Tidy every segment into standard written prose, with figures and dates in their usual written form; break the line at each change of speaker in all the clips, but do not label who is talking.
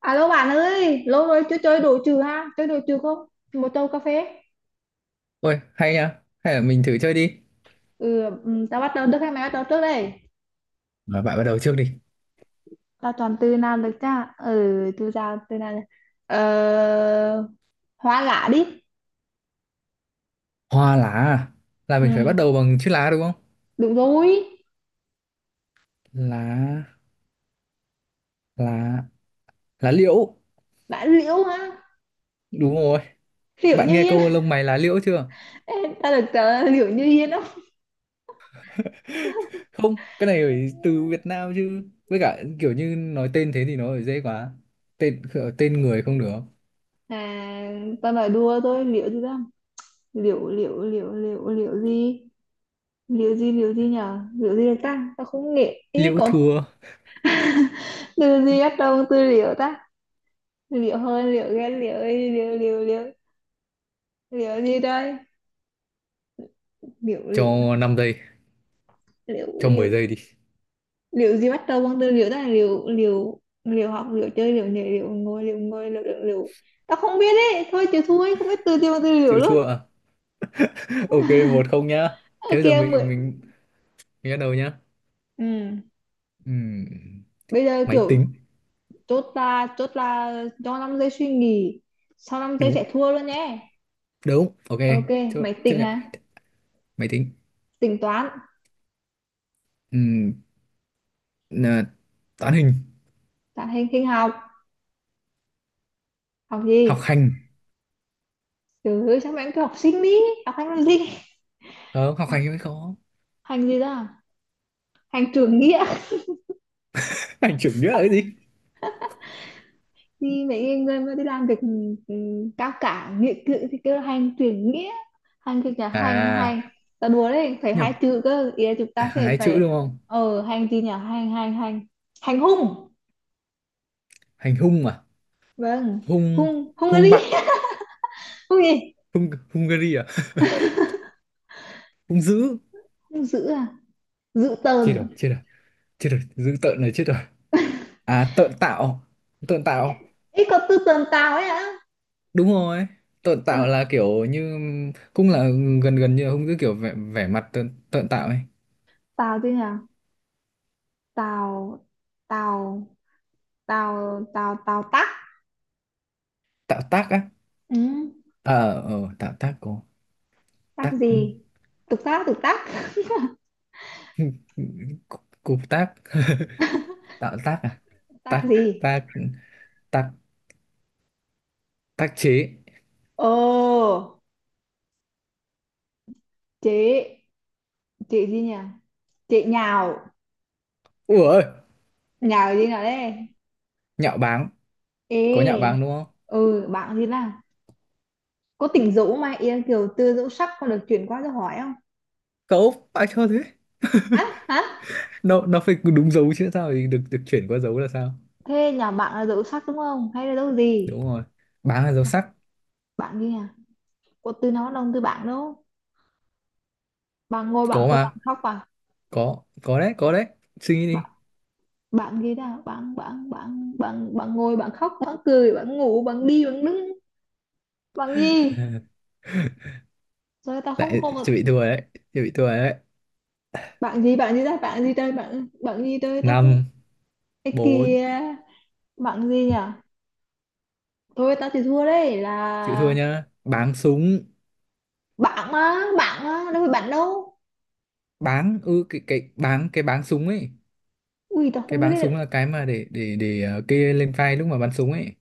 Alo bạn ơi, lâu rồi chưa chơi đồ trừ ha, chơi đồ trừ không? Một tô cà phê.
Ôi, hay nha. Hay là mình thử chơi đi.
Ừ, ừ, tao bắt đầu được hay mày bắt đầu trước đây?
Mà bạn bắt đầu trước đi.
Tao chọn từ nào được cha? Ừ, từ nào, từ nào? Ờ, hoa lạ đi.
Hoa lá à? Là
Ừ,
mình phải bắt đầu bằng chữ lá đúng không?
đúng rồi.
Lá, lá, lá liễu.
Bạn liễu ha,
Đúng rồi.
liễu
Bạn
như
nghe
yên.
câu lông mày lá liễu chưa?
Tao được trả liễu như yên không?
Không, cái này phải từ Việt Nam chứ. Với cả kiểu như nói tên thế thì nó phải dễ quá. Tên tên người không được.
À, tao nói đùa thôi, liễu gì đó? Liễu, liễu, liễu, liễu, liễu gì? Liễu gì, liễu gì nhở? Liễu gì được ta? Tao không nghĩ, ý
Liễu
có
thua
từ gì bắt đầu từ liễu ta? Liệu hơn, liệu ghét, liệu ấy, liệu liệu liệu, liệu gì đây, liệu liệu
cho 5 giây,
liệu
cho mười
liệu
giây đi.
liệu gì bắt đầu bằng từ liệu, đó là liệu liệu liệu, học liệu, chơi liệu, nhảy liệu, ngồi liệu, ngồi liệu liệu liệu. Tao không biết đấy, thôi chịu thua ấy, không biết từ gì bằng từ liệu
Chịu
luôn.
thua à? Ok, 1-0 nhá.
Ở
Thế bây giờ
kia mười.
mình bắt đầu nhá.
Ừ.
Ừm,
Bây giờ
máy
kiểu
tính.
chốt là cho 5 giây suy nghĩ, sau 5 giây
Đúng,
sẽ thua luôn nhé.
đúng. Ok,
Ok,
chấp
mày
chấp
tỉnh
nhận.
hả?
Máy tính.
Tính toán,
Ừm, nà, toán hình
tạo hình, hình học. Học
học
gì?
hành.
Trời ơi, sao mày cứ học sinh đi, học hành làm gì?
Không học
Học
hành mới khó.
hành gì đó à? Hành trưởng nghĩa,
Hành chủ nghĩa là cái gì?
thì mấy người mà đi làm việc, ừ, ừ, cao cả nghĩa cử thì kêu là hành trưởng nghĩa. Hành cái nhà, hành hành.
À,
Ta đùa đấy, phải
nhập,
hai chữ cơ, ý là chúng ta sẽ
hai chữ
phải.
đúng không?
Hành gì nhỉ? Hành hành hành, hành hung.
Hành hung à?
Vâng.
Hung.
Hung hung cái
Hung
gì.
bạo.
Hung gì?
Hung Hungary à? Hung dữ.
Hung dữ à. Dữ
Chết rồi,
tợn.
chết rồi, chết rồi, dữ tợn rồi, chết rồi. À tợn tạo, tợn
Ấy,
tạo.
ấy có từ tợn tào ấy hả?
Đúng rồi, tợn tạo
Tợn-.
là kiểu như cũng là gần gần như là hung dữ, kiểu vẻ vẻ mặt tợn tợn tạo ấy.
Tào gì nhỉ? Tào, tào, tào, tào, tào tắc.
Tạo tác á.
Ừ,
Ờ tạo tác của
tắc
tác.
gì? Tục tác, tục tác.
Cụp tác. Tạo tác à?
Tác
Tác,
gì?
tác, tác, tác chế.
Ồ, chị, chị gì nhỉ? Chị Nhào,
Ủa ơi,
Nhào gì nào đấy?
nhạo báng.
Ê,
Có nhạo báng đúng không?
ừ, bạn gì là có tỉnh dỗ mà Yên Kiều tư dỗ sắc con được chuyển qua cho hỏi không?
Cậu phải cho thế,
Hả? Hả?
nó phải đúng dấu chứ, sao thì được được chuyển qua dấu là sao?
Thế nhà bạn là dỗ sắc đúng không? Hay là dỗ gì?
Đúng rồi, báng là dấu sắc.
Bạn gì nhỉ? Có từ nó đông từ bạn đâu? Bạn ngồi, bạn
Có
cười, bạn
mà,
khóc, bạn,
có đấy có đấy, suy nghĩ
bạn,
đi.
bạn gì đó, bạn bạn bạn bạn, bạn ngồi, bạn khóc, bạn cười, bạn ngủ, bạn đi, bạn đứng, bạn gì? Rồi tao không,
Lại
không.
chuẩn bị thua đấy, chuẩn bị thua rồi đấy.
Bạn gì, bạn gì ra, bạn gì đây, bạn, bạn gì đây, tao không.
Năm.
Cái
Bốn.
kia, bạn gì nhỉ? Thôi tao chỉ thua đấy
Chịu thua
là
nhá, báng súng.
bạn á, đâu phải bạn đâu.
Báng ư, cái báng, cái báng súng ấy.
Ui tao
Cái
không biết
báng súng
đấy.
là cái mà để kê lên vai lúc mà bắn súng ấy.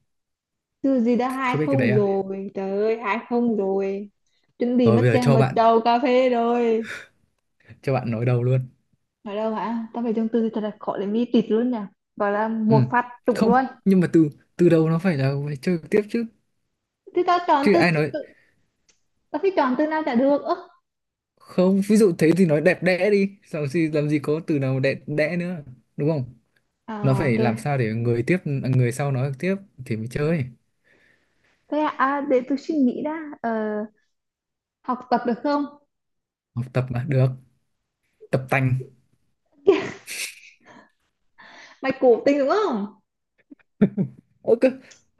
Từ gì đã, hai
Không biết cái đấy
không
à?
rồi. Trời ơi, hai không rồi. Chuẩn bị
Rồi bây
mất
giờ
tiền
cho
vào
bạn
chầu cà phê rồi.
cho bạn nói đầu luôn.
Ở đâu hả? Tao phải chọn từ thật là khó để mi tịt luôn nhỉ. Gọi là
Ừ.
một phát trúng
Không,
luôn.
nhưng mà từ từ đầu nó phải là phải chơi tiếp chứ,
Thì tao chọn
chứ
từ,
ai nói.
tao phải chọn từ nào chả được. Ơ.
Không, ví dụ thế thì nói đẹp đẽ đi làm gì, làm gì có từ nào đẹp đẽ nữa, đúng không? Nó
Ờ
phải
trời.
làm sao để người tiếp người sau nói tiếp thì mới chơi.
Thế à, à để tôi suy nghĩ đã. Ờ, học tập được không?
Học tập mà được. Tập tành.
Mày cố tình đúng không?
ơ cái,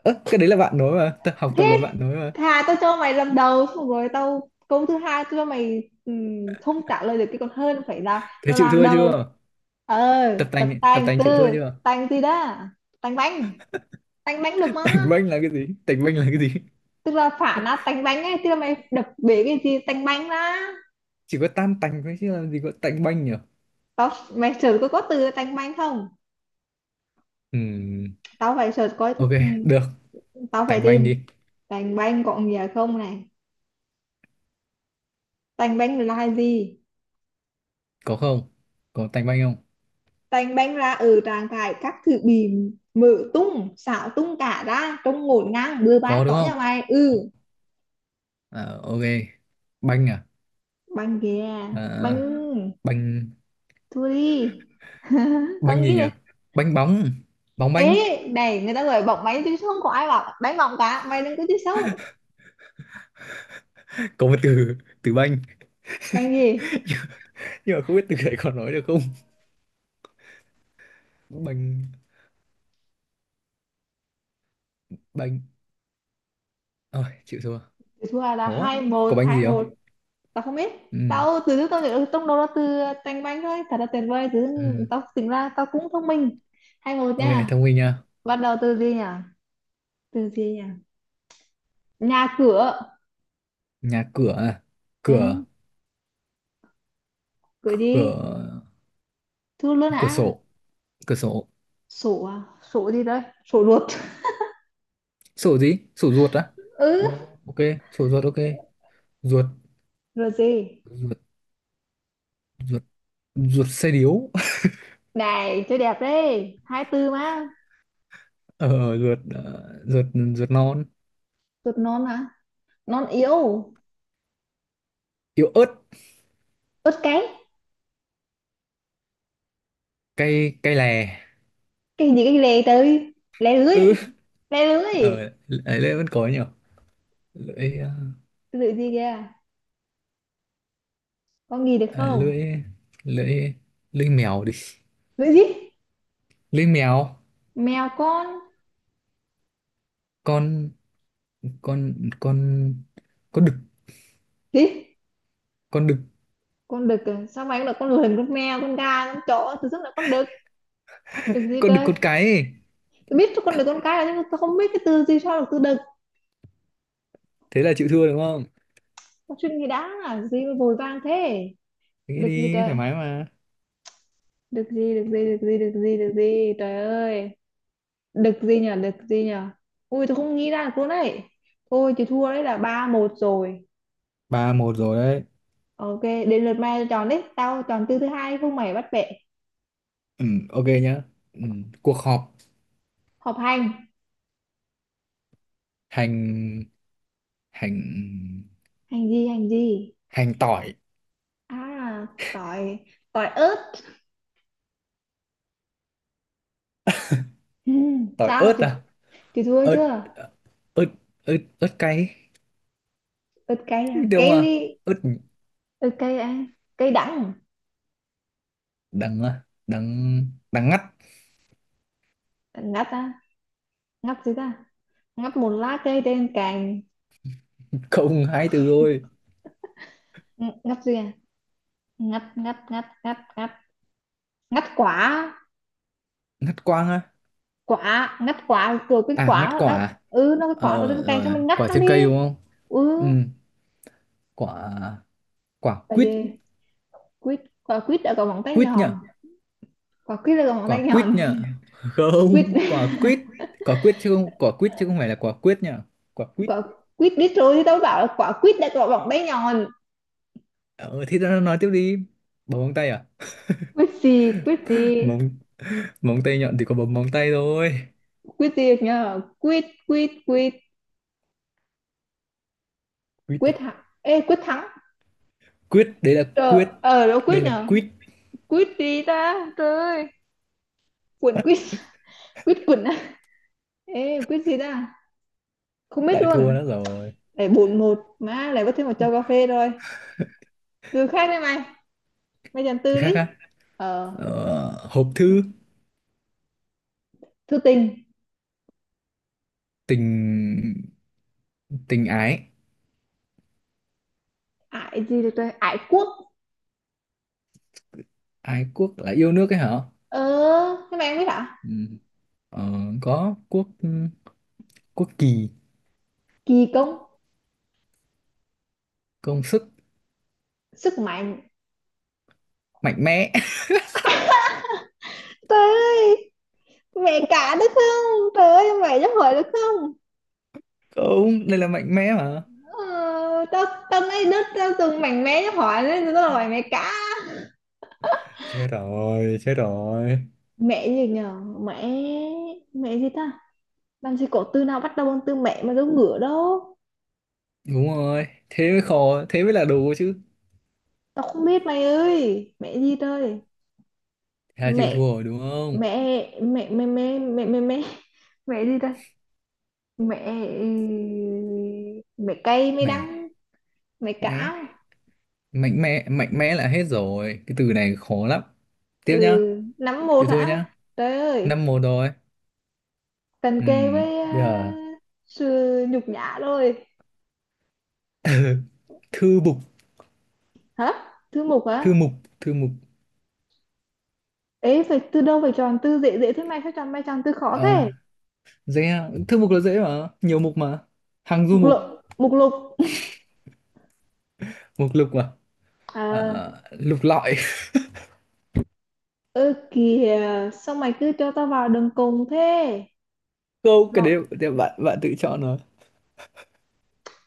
cái đấy là bạn nói mà, học tập
Thế
là bạn nói mà.
thà tao cho mày lần đầu xong rồi tao câu thứ hai tao cho mày, không trả lời được cái còn hơn phải là
Thế
tao
chịu
làm
thua
đầu.
chưa?
Ờ
Tập
tập
tành, tập
tành,
tành chịu thua
từ
chưa?
tành gì đó. Tành bánh, tành bánh được mà.
Tành banh là cái gì? Tành banh là cái gì?
Tức là phản á, tành bánh ấy, tức là mày đập bể cái gì tành bánh ra.
Chỉ có tan tành thôi chứ làm gì có tành banh nhỉ?
Tao, mày search có từ tành bánh không,
Ừ,
tao phải search coi.
ok,
ừm,
được,
Tao phải
tành banh
tìm
đi.
tành bánh có nghĩa không này, tành bánh là gì.
Có không? Có tanh banh không?
Tành banh ra ở trạng thái các thứ bị mở tung xạo, tung cả ra trông ngổn ngang bừa bãi
Có đúng
có
không?
nhà mày. Ừ
Ờ, ok. Banh à?
banh kìa, banh
Ờ, banh.
thua đi. Con
Banh
nghĩ
gì nhỉ?
được.
Banh bóng. Bóng banh.
Ê này, người ta gọi bóng máy chứ không có ai bảo đánh bóng cả, mày đừng có chơi xấu.
Có một từ, từ banh,
Banh gì?
nhưng mà không biết từ đấy còn nói được không? Banh, banh. Ôi, chịu thua.
Thì thua là
Khó á.
hai
Có
một,
banh
hai
gì
một.
không?
Tao không biết,
Ừ.
tao từ lúc tao nhớ, ừ, trong đầu là từ tành banh thôi, thật là tuyệt vời. Từ
Ừ.
tao tính ra tao cũng thông minh, hai một
Ok,
nha.
thông minh nha.
Bắt đầu từ gì nhỉ? Từ gì nhỉ? Nhà cửa.
Nhà cửa à?
Ừ,
Cửa,
gửi
cửa,
đi. Thưa luôn
cửa
hả?
sổ, cửa sổ.
Sổ à? Sổ gì đấy? Sổ ruột.
Sổ gì? Sổ ruột á? Ờ,
Ừ,
ok, sổ ruột ok. Ruột,
rồi gì?
ruột, ruột, ruột xe điếu.
Này, chơi đẹp đấy. Hai tư mà.
Ruột, ruột non,
Ruột non mà. Non yếu.
yếu ớt,
Ướt cái.
cay cay lè.
Cái gì cái lề tới. Lè lưới.
Ừ.
Lè lưới.
ở ấy lưỡi vẫn có nhỉ. lưỡi ờ,
Cái lưỡi gì kìa? Con gì được
à,
không?
lưỡi, lưỡi, lưỡi mèo đi.
Lưỡi gì?
Lưỡi mèo
Mèo con.
con con con con đực.
Gì?
Con đực,
Con đực à? Sao mày cũng là con lười, con mèo, con gà, con chó. Từ rất là con đực. Đực gì
con đực
trời?
con cái ấy.
Tôi biết con đực con cái là, nhưng mà tôi không biết cái từ gì sao được từ đực.
Thế là chịu thua đúng không?
Con chuyện gì đã? Gì mà vội vàng thế?
Nghĩ
Được gì
đi
trời,
thoải mái mà.
được gì, được gì, được gì, được gì, được gì trời ơi, được gì nhở, được gì nhở. Ui tôi không nghĩ ra được luôn đấy. Thôi chị thua đấy là ba một rồi.
3-1 rồi đấy.
Ok, đến lượt mày chọn đấy, tao chọn từ thứ hai không mày bắt bẻ.
Ừ, ok nhá. ừ, cuộc họp.
Họp hành.
Hành, hành,
Hành gì, hành gì?
hành tỏi.
À tỏi. Tỏi ớt.
Tỏi
Sao
ớt
chị
à?
chị thua
Ớt,
chưa?
ớt, ớt ớt cay.
Ớt cay à,
Đúng
cay
à?
ly?
Ướt.
Ớt cay à. Cay đắng.
Đắng à? Đắng, đắng ngắt.
Ngắt à, ngắt gì ta, ngắt một lá cây trên cành.
Không, hai từ thôi.
Ng- ngắt gì à? Ngắt ngắt ngắt ngắt ngắt, ngắt quả.
Ngắt quang á?
Quả ngắt quả rồi, quýt
À ngắt
quả
quả
đó.
à?
Ừ, nó cái quả ở trên
Ờ
tay cho
rồi
mình ngắt
quả
nó
trên
đi.
cây đúng không?
Ừ.
Ừ, quả, quả
Là
quýt.
gì? Quýt, quả quýt đã có móng tay
Quýt nhỉ?
nhọn. Quả quýt đã có móng
Quả
tay
quýt
nhọn.
nhỉ?
Quýt,
Không, quả quýt. Quả quýt chứ không, quả quýt chứ không phải là quả quyết nhỉ. Quả quýt.
quả quýt biết rồi, thì tao bảo là quả quýt đã có móng tay nhọn.
Ờ thì nó nói tiếp đi. Bấm móng tay à?
Quýt gì, quýt gì.
Móng, móng tay nhọn thì có bấm móng tay thôi.
Quýt gì nhờ, quýt quýt quýt,
Quýt à?
quýt thắng, ê quýt thắng.
Quýt đấy là
Trời,
quyết.
ở đâu
Đây
quýt
là
nhờ.
quýt.
Quýt gì ta trời ơi. Quýt quýt, quýt quýt à. Ê quýt gì ta, không biết
Lại
luôn.
thua nữa rồi.
Để bụn một má lại có thêm một chầu cà phê rồi. Từ khác đấy mày, mày dần
Từ
từ
khác
đi.
á?
Ờ
Ờ, hộp thư.
thư tình.
Tình, tình ái.
Ải gì được rồi, ải quốc.
Ái quốc là yêu nước ấy hả?
Ờ, thế mày không biết hả?
Ừ. ờ, có quốc, quốc kỳ.
Kỳ công.
Công sức.
Sức mạnh.
Mạnh mẽ.
Trời ơi, mẹ cả được không trời ơi, mày giúp hỏi được không?
Không, đây là mạnh mẽ mà.
Ờ, tao, tao lấy đứt tao từng mảnh mé giúp hỏi nên tao hỏi mẹ cả.
Chết rồi, chết rồi.
Mẹ gì nhờ, mẹ, mẹ gì ta. Làm gì có từ nào bắt đầu bằng từ mẹ mà giống ngửa đâu.
Đúng rồi, thế mới khó, thế mới là đồ chứ.
Tao không biết mày ơi, mẹ gì trời.
Thế là chịu thua
Mẹ
rồi đúng không?
mẹ mẹ mẹ mẹ mẹ mẹ mẹ, mẹ gì ta. Mẹ, mẹ cay, mẹ
Mẹ,
đắng, mẹ
mẹ,
cả.
mạnh mẽ, mạnh mẽ là hết rồi, cái từ này khó lắm.
Ừ,
Tiếp nhá.
nắm một
Chịu thua
hả.
nhá.
Trời ơi,
5-1 rồi.
cần
Ừ,
kề với
bây
à,
giờ.
sự nhục nhã rồi.
Thư mục,
Hả, thứ mục
thư
hả?
mục, thư mục.
Ấy phải từ đâu phải chọn từ dễ dễ thế, mày phải chọn, mày chọn từ khó
Ờ,
thế.
dễ à. Thư mục là dễ mà, nhiều mục mà. Hàng du
Mục lục,
mục,
mục lục
mục lục mà. Ờ,
à.
lục lọi.
Ơ kìa, sao mày cứ cho tao vào đường cùng thế.
Câu cái đấy
Lo,
thì bạn bạn tự chọn rồi.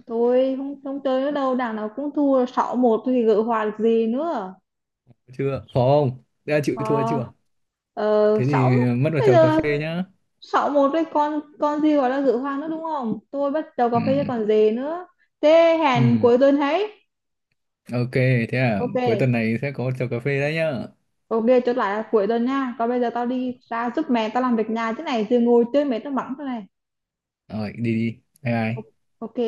thôi không, không chơi nữa đâu, đảng nào cũng thua 6 một thì gỡ hòa được gì nữa.
Chưa, khó không? Đã chịu thua
Ờ
chưa?
ờ,
Thế
6
thì mất vào
bây
chầu cà
giờ,
phê nhá.
6 một với con gì gọi là gỡ hòa nữa đúng không? Tôi bắt đầu cà
Ừ.
phê chứ còn gì nữa. Thế hẹn
Ừ.
cuối tuần ấy.
Ok, thế à,
Ok.
cuối tuần này sẽ có chầu cà phê đấy nhá.
Ok, chốt lại là cuối tuần nha. Còn bây giờ tao đi ra giúp mẹ tao làm việc nhà, thế này rồi ngồi chơi mẹ tao mắng thế này.
Rồi, đi đi. Bye bye.
Ok.